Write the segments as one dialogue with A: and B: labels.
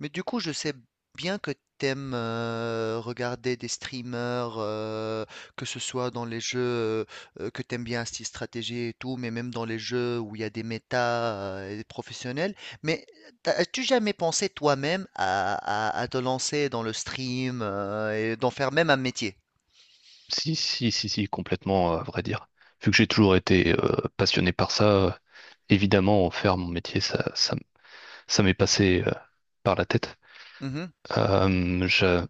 A: Mais du coup, je sais bien que t'aimes regarder des streamers, que ce soit dans les jeux que t'aimes bien, style stratégie et tout, mais même dans les jeux où il y a des méta et des professionnels. Mais as-tu jamais pensé toi-même à te lancer dans le stream et d'en faire même un métier?
B: Si, si, si, si, complètement, à vrai dire. Vu que j'ai toujours été passionné par ça, évidemment, en faire mon métier, ça m'est passé par la tête.
A: Mhm.
B: Euh, j'a-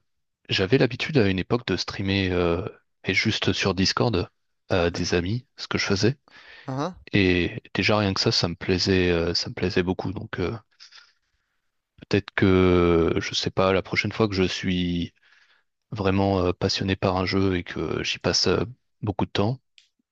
B: j'avais l'habitude à une époque de streamer, et juste sur Discord, à des amis, ce que je faisais.
A: Mhm.
B: Et déjà, rien que ça, ça me plaisait beaucoup. Donc, peut-être que, je sais pas, la prochaine fois que je suis vraiment passionné par un jeu et que j'y passe beaucoup de temps,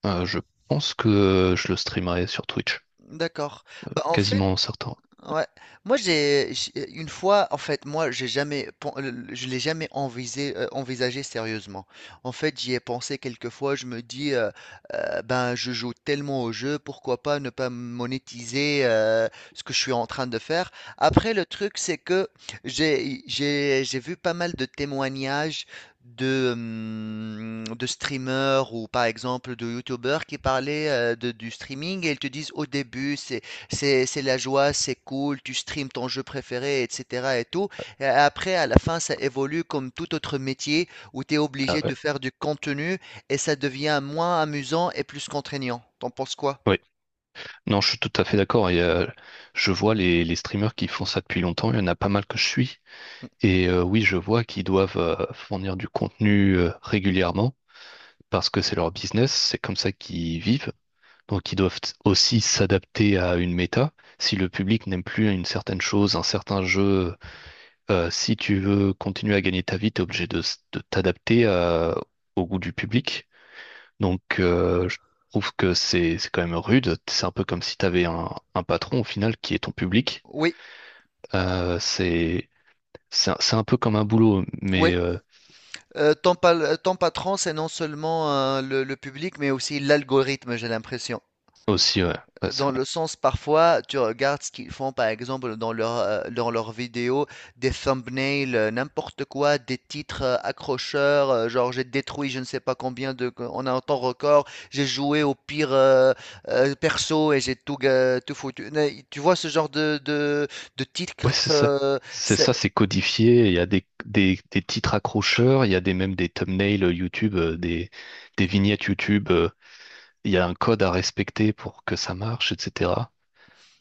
B: Je pense que je le streamerai sur Twitch,
A: D'accord. Bah, en fait.
B: quasiment certain.
A: Ouais. Moi, une fois, en fait, moi, j'ai jamais, pen- je l'ai jamais envisagé sérieusement. En fait, j'y ai pensé quelques fois. Je me dis, ben, je joue tellement au jeu, pourquoi pas ne pas monétiser ce que je suis en train de faire. Après, le truc, c'est que j'ai vu pas mal de témoignages de streamers ou par exemple de youtubeurs qui parlaient du streaming et ils te disent au début, c'est la joie, c'est cool, tu streams ton jeu préféré, etc. et tout. Et après, à la fin, ça évolue comme tout autre métier où tu es
B: Ah
A: obligé
B: ouais.
A: de faire du contenu et ça devient moins amusant et plus contraignant. T'en penses quoi?
B: Oui. Non, je suis tout à fait d'accord. Et, je vois les streamers qui font ça depuis longtemps. Il y en a pas mal que je suis. Et oui, je vois qu'ils doivent fournir du contenu régulièrement. Parce que c'est leur business, c'est comme ça qu'ils vivent. Donc ils doivent aussi s'adapter à une méta. Si le public n'aime plus une certaine chose, un certain jeu, si tu veux continuer à gagner ta vie, tu es obligé de t'adapter au goût du public. Donc je trouve que c'est quand même rude. C'est un peu comme si tu avais un patron au final qui est ton public.
A: Oui,
B: C'est c'est un peu comme un boulot,
A: oui.
B: mais
A: Ton patron, c'est non seulement le public, mais aussi l'algorithme, j'ai l'impression.
B: aussi, ouais. Ouais, c'est
A: Dans le
B: vrai.
A: sens, parfois, tu regardes ce qu'ils font, par exemple, dans leurs vidéos, des thumbnails, n'importe quoi, des titres accrocheurs, genre j'ai détruit je ne sais pas combien de, on a un temps record, j'ai joué au pire perso et j'ai tout foutu. Mais tu vois ce genre de titres,
B: Ouais, c'est ça.
A: euh,
B: C'est
A: c'est-
B: ça, c'est codifié. Il y a des titres accrocheurs, il y a des même des thumbnails YouTube, des vignettes YouTube. Il y a un code à respecter pour que ça marche, etc.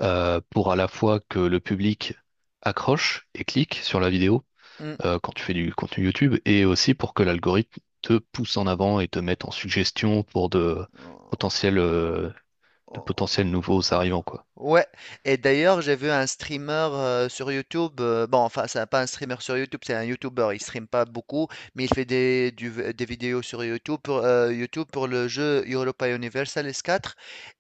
B: Pour à la fois que le public accroche et clique sur la vidéo
A: Hmm.
B: quand tu fais du contenu YouTube, et aussi pour que l'algorithme te pousse en avant et te mette en suggestion pour
A: Oh,
B: potentiels, euh, de
A: oh.
B: potentiels nouveaux arrivants, quoi.
A: Ouais, et d'ailleurs, j'ai vu un streamer sur YouTube. Bon, enfin, c'est pas un streamer sur YouTube, c'est un YouTuber. Il stream pas beaucoup, mais il fait des vidéos sur YouTube pour le jeu Europa Universalis quatre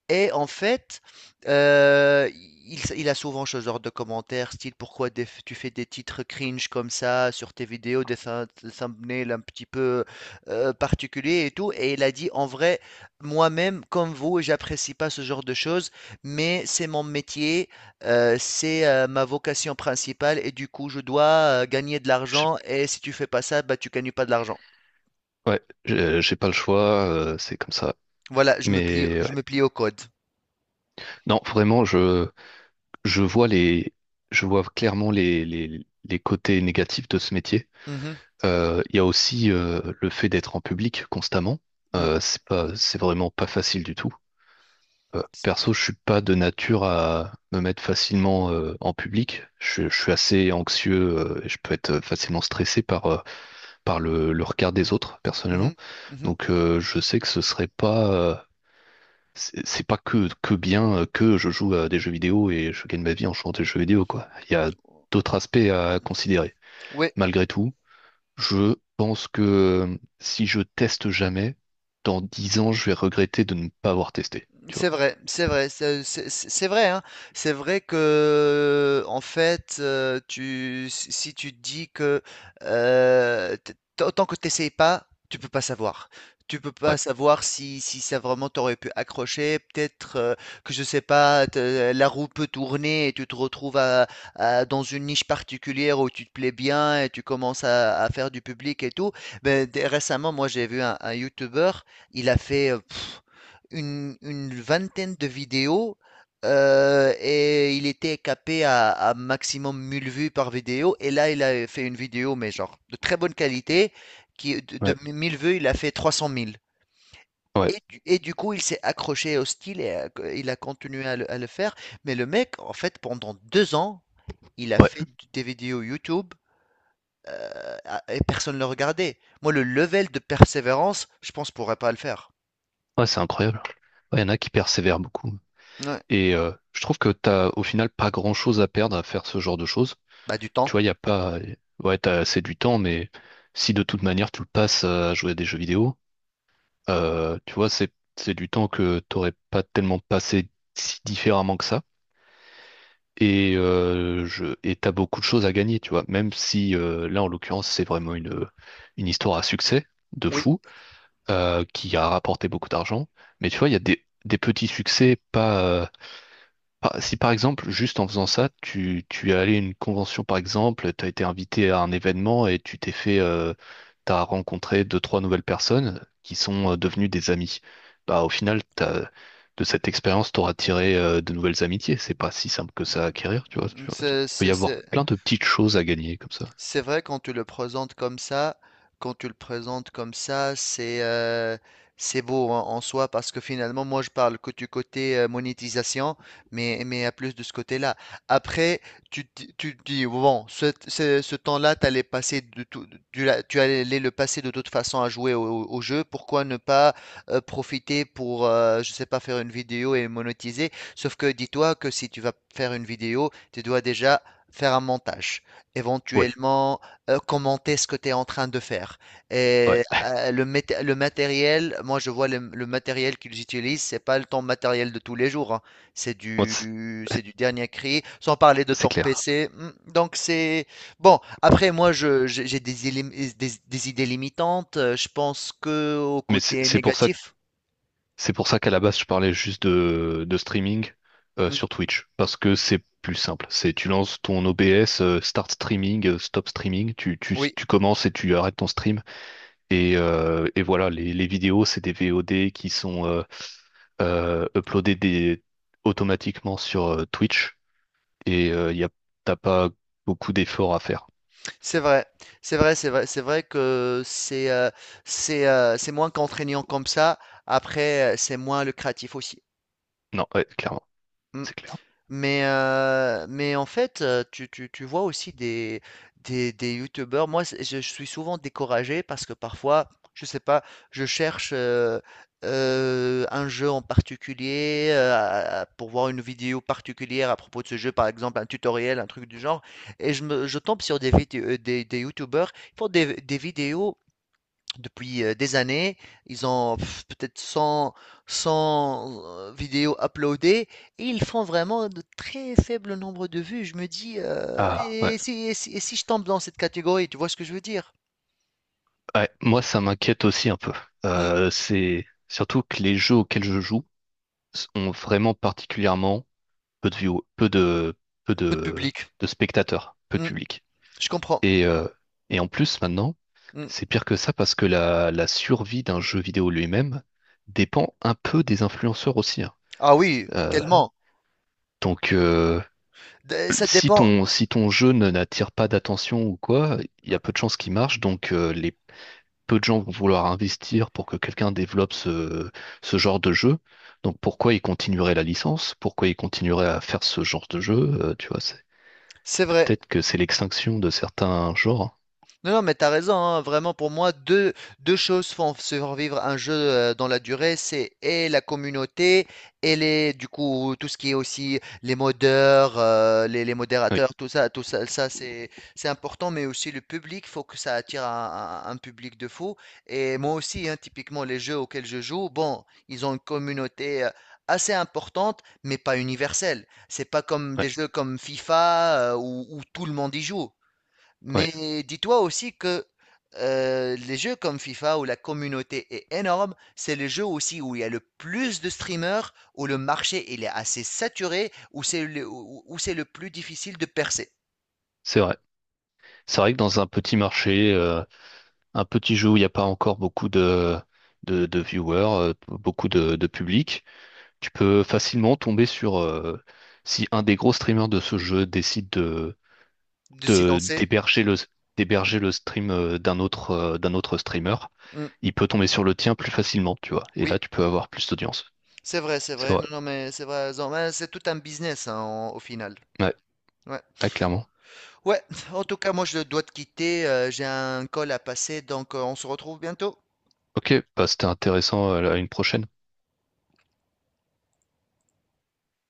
A: et en fait, heu, il a souvent ce genre de commentaires style: «Pourquoi des tu fais des titres cringe comme ça sur tes vidéos, des thumbnails un petit peu, particuliers et tout» et il a dit: «En vrai, moi-même comme vous, j'apprécie pas ce genre de choses, mais c'est mon métier, ma vocation principale et du coup je dois gagner de
B: J'ai-
A: l'argent et si tu fais pas ça, bah, tu gagnes pas de l'argent».
B: Ouais, j'ai pas le choix, c'est comme ça.
A: Voilà,
B: Mais
A: je me plie au code.
B: non, vraiment, je vois les, je vois clairement les côtés négatifs de ce métier.
A: Mmh mh.
B: Il y a aussi le fait d'être en public constamment.
A: Mmh.
B: C'est pas, c'est vraiment pas facile du tout. Perso, je suis pas de nature à me mettre facilement en public. Je suis assez anxieux et je peux être facilement stressé par le regard des autres, personnellement.
A: Mmh. Mmh.
B: Donc, je sais que ce serait pas c'est c'est pas que, que bien que je joue à des jeux vidéo et je gagne ma vie en jouant à des jeux vidéo, quoi. Il y a d'autres aspects à considérer.
A: Oui.
B: Malgré tout, je pense que si je teste jamais, dans 10 ans, je vais regretter de ne pas avoir testé, tu
A: C'est
B: vois.
A: vrai, c'est vrai, c'est vrai, hein. C'est vrai que, en fait, si tu te dis que tant que tu n'essayes pas, tu peux pas savoir. Tu peux
B: Ouais,
A: pas savoir si ça vraiment t'aurait pu accrocher. Peut-être que, je sais pas, la roue peut tourner et tu te retrouves dans une niche particulière où tu te plais bien et tu commences à faire du public et tout. Ben, récemment, moi, j'ai vu un YouTuber, il a fait une vingtaine de vidéos et il était capé à maximum 1000 vues par vidéo. Et là, il a fait une vidéo, mais genre de très bonne qualité, qui de
B: ouais,
A: 1000 vues, il a fait 300 000.
B: ouais,
A: Et du coup, il s'est accroché au style et il a continué à le faire. Mais le mec, en fait, pendant 2 ans, il a
B: ouais,
A: fait des vidéos YouTube et personne ne le regardait. Moi, le level de persévérance, je pense, je pourrais pas le faire.
B: ouais, c'est incroyable. Ouais, il y en a qui persévèrent beaucoup.
A: Ouais.
B: Et je trouve que t'as au final pas grand-chose à perdre à faire ce genre de choses.
A: Bah, du
B: Tu
A: temps.
B: vois, il y a pas... Ouais, t'as assez du temps, mais si de toute manière tu le passes à jouer à des jeux vidéo, tu vois, c'est du temps que t'aurais pas tellement passé si différemment que ça. Et t'as beaucoup de choses à gagner, tu vois. Même si là, en l'occurrence, c'est vraiment une histoire à succès de
A: Oui,
B: fou qui a rapporté beaucoup d'argent. Mais tu vois, il y a des petits succès, pas par- si par exemple, juste en faisant ça, tu es allé à une convention par exemple, tu as été invité à un événement et tu t'es t'as rencontré deux, trois nouvelles personnes qui sont devenues des amis. Bah, au final, t'as, de cette expérience, t'auras tiré de nouvelles amitiés. C'est pas si simple que ça à acquérir, tu vois. Tu vois. Il peut y avoir
A: c'est,
B: plein de petites choses à gagner comme ça.
A: C'est vrai quand tu le présentes comme ça, c'est c'est beau en soi parce que finalement moi je parle que du côté monétisation, mais à plus de ce côté-là. Après tu te dis bon ce temps-là t'allais passer de tout, tu allais le passer de toute façon à jouer au jeu. Pourquoi ne pas profiter pour je sais pas faire une vidéo et monétiser? Sauf que dis-toi que si tu vas faire une vidéo, tu dois déjà faire un montage
B: Oui,
A: éventuellement commenter ce que tu es en train de faire.
B: ouais.
A: Le matériel, moi je vois le matériel qu'ils utilisent, c'est pas le ton matériel de tous les jours, hein.
B: Moi,
A: C'est du dernier cri, sans parler de
B: c'est
A: ton
B: clair.
A: PC. Hmm. Donc c'est bon. Après moi je, j'ai des idées limitantes. Je pense que au
B: Mais
A: côté
B: c'est pour ça.
A: négatif.
B: C'est pour ça qu'à la base, je parlais juste de streaming
A: Hmm.
B: sur Twitch, parce que c'est plus simple. C'est tu lances ton OBS, start streaming, stop streaming,
A: Oui.
B: tu commences et tu arrêtes ton stream. Et voilà, les vidéos, c'est des VOD qui sont uploadées automatiquement sur Twitch, et t'as pas beaucoup d'efforts à faire.
A: C'est vrai, c'est vrai, c'est vrai, c'est vrai que c'est moins contraignant comme ça. Après, c'est moins lucratif aussi.
B: Non, ouais, clairement,
A: Mm.
B: c'est clair.
A: Mais en fait, tu vois aussi des youtubeurs. Moi, je suis souvent découragé parce que parfois, je sais pas, je cherche un jeu en particulier pour voir une vidéo particulière à propos de ce jeu, par exemple un tutoriel, un truc du genre, et je tombe sur des vidéos, des youtubeurs qui font des vidéos depuis des années. Ils ont pff, peut-être cent vidéos uploadées et ils font vraiment de très faibles nombres de vues. Je me dis,
B: Ah ouais.
A: et si je tombe dans cette catégorie, tu vois ce que je veux dire?
B: Ouais, moi ça m'inquiète aussi un peu.
A: Hmm.
B: C'est surtout que les jeux auxquels je joue ont vraiment particulièrement peu de view, peu
A: Peu de
B: de,
A: public.
B: de spectateurs, peu de
A: Hmm,
B: public.
A: je comprends.
B: Et euh, et en plus maintenant,
A: Hmm.
B: c'est pire que ça parce que la survie d'un jeu vidéo lui-même dépend un peu des influenceurs aussi, hein.
A: Ah oui,
B: Euh,
A: tellement.
B: donc,
A: Ça
B: si
A: dépend.
B: ton, si ton jeu ne n'attire pas d'attention ou quoi, il y
A: euh,
B: a peu de chances qu'il marche. Donc, les peu de gens vont vouloir investir pour que quelqu'un développe ce genre de jeu. Donc, pourquoi ils continueraient la licence? Pourquoi ils continueraient à faire ce genre de jeu? Tu vois, c'est
A: C'est vrai.
B: peut-être que c'est l'extinction de certains genres.
A: Non, non, mais t'as raison, hein. Vraiment, pour moi, deux choses font survivre un jeu dans la durée, c'est et la communauté, et du coup, tout ce qui est aussi les modeurs, les
B: Oui,
A: modérateurs, tout ça, c'est important, mais aussi le public, faut que ça attire un public de fou. Et moi aussi, hein, typiquement, les jeux auxquels je joue, bon, ils ont une communauté assez importante, mais pas universelle. C'est pas comme
B: ouais,
A: des jeux comme FIFA, où tout le monde y joue.
B: ouais,
A: Mais dis-toi aussi que les jeux comme FIFA où la communauté est énorme, c'est les jeux aussi où il y a le plus de streamers, où le marché il est assez saturé, où c'est le plus difficile de percer,
B: c'est vrai. C'est vrai que dans un petit marché, un petit jeu où il n'y a pas encore beaucoup de viewers, beaucoup de public, tu peux facilement tomber sur si un des gros streamers de ce jeu décide
A: de s'y lancer.
B: d'héberger
A: Mm,
B: d'héberger le stream d'un autre streamer,
A: mm,
B: il peut tomber sur le tien plus facilement, tu vois. Et là,
A: oui,
B: tu peux avoir plus d'audience.
A: c'est vrai, c'est
B: C'est
A: vrai.
B: vrai.
A: Non, non, mais c'est vrai. Zan, ouais, c'est tout un business hein, au final.
B: Ouais,
A: Ouais.
B: ah, clairement.
A: Ouais, en tout cas, moi je dois te quitter. J'ai un call à passer, donc on se retrouve bientôt.
B: Ok, bah, c'était intéressant. À une prochaine.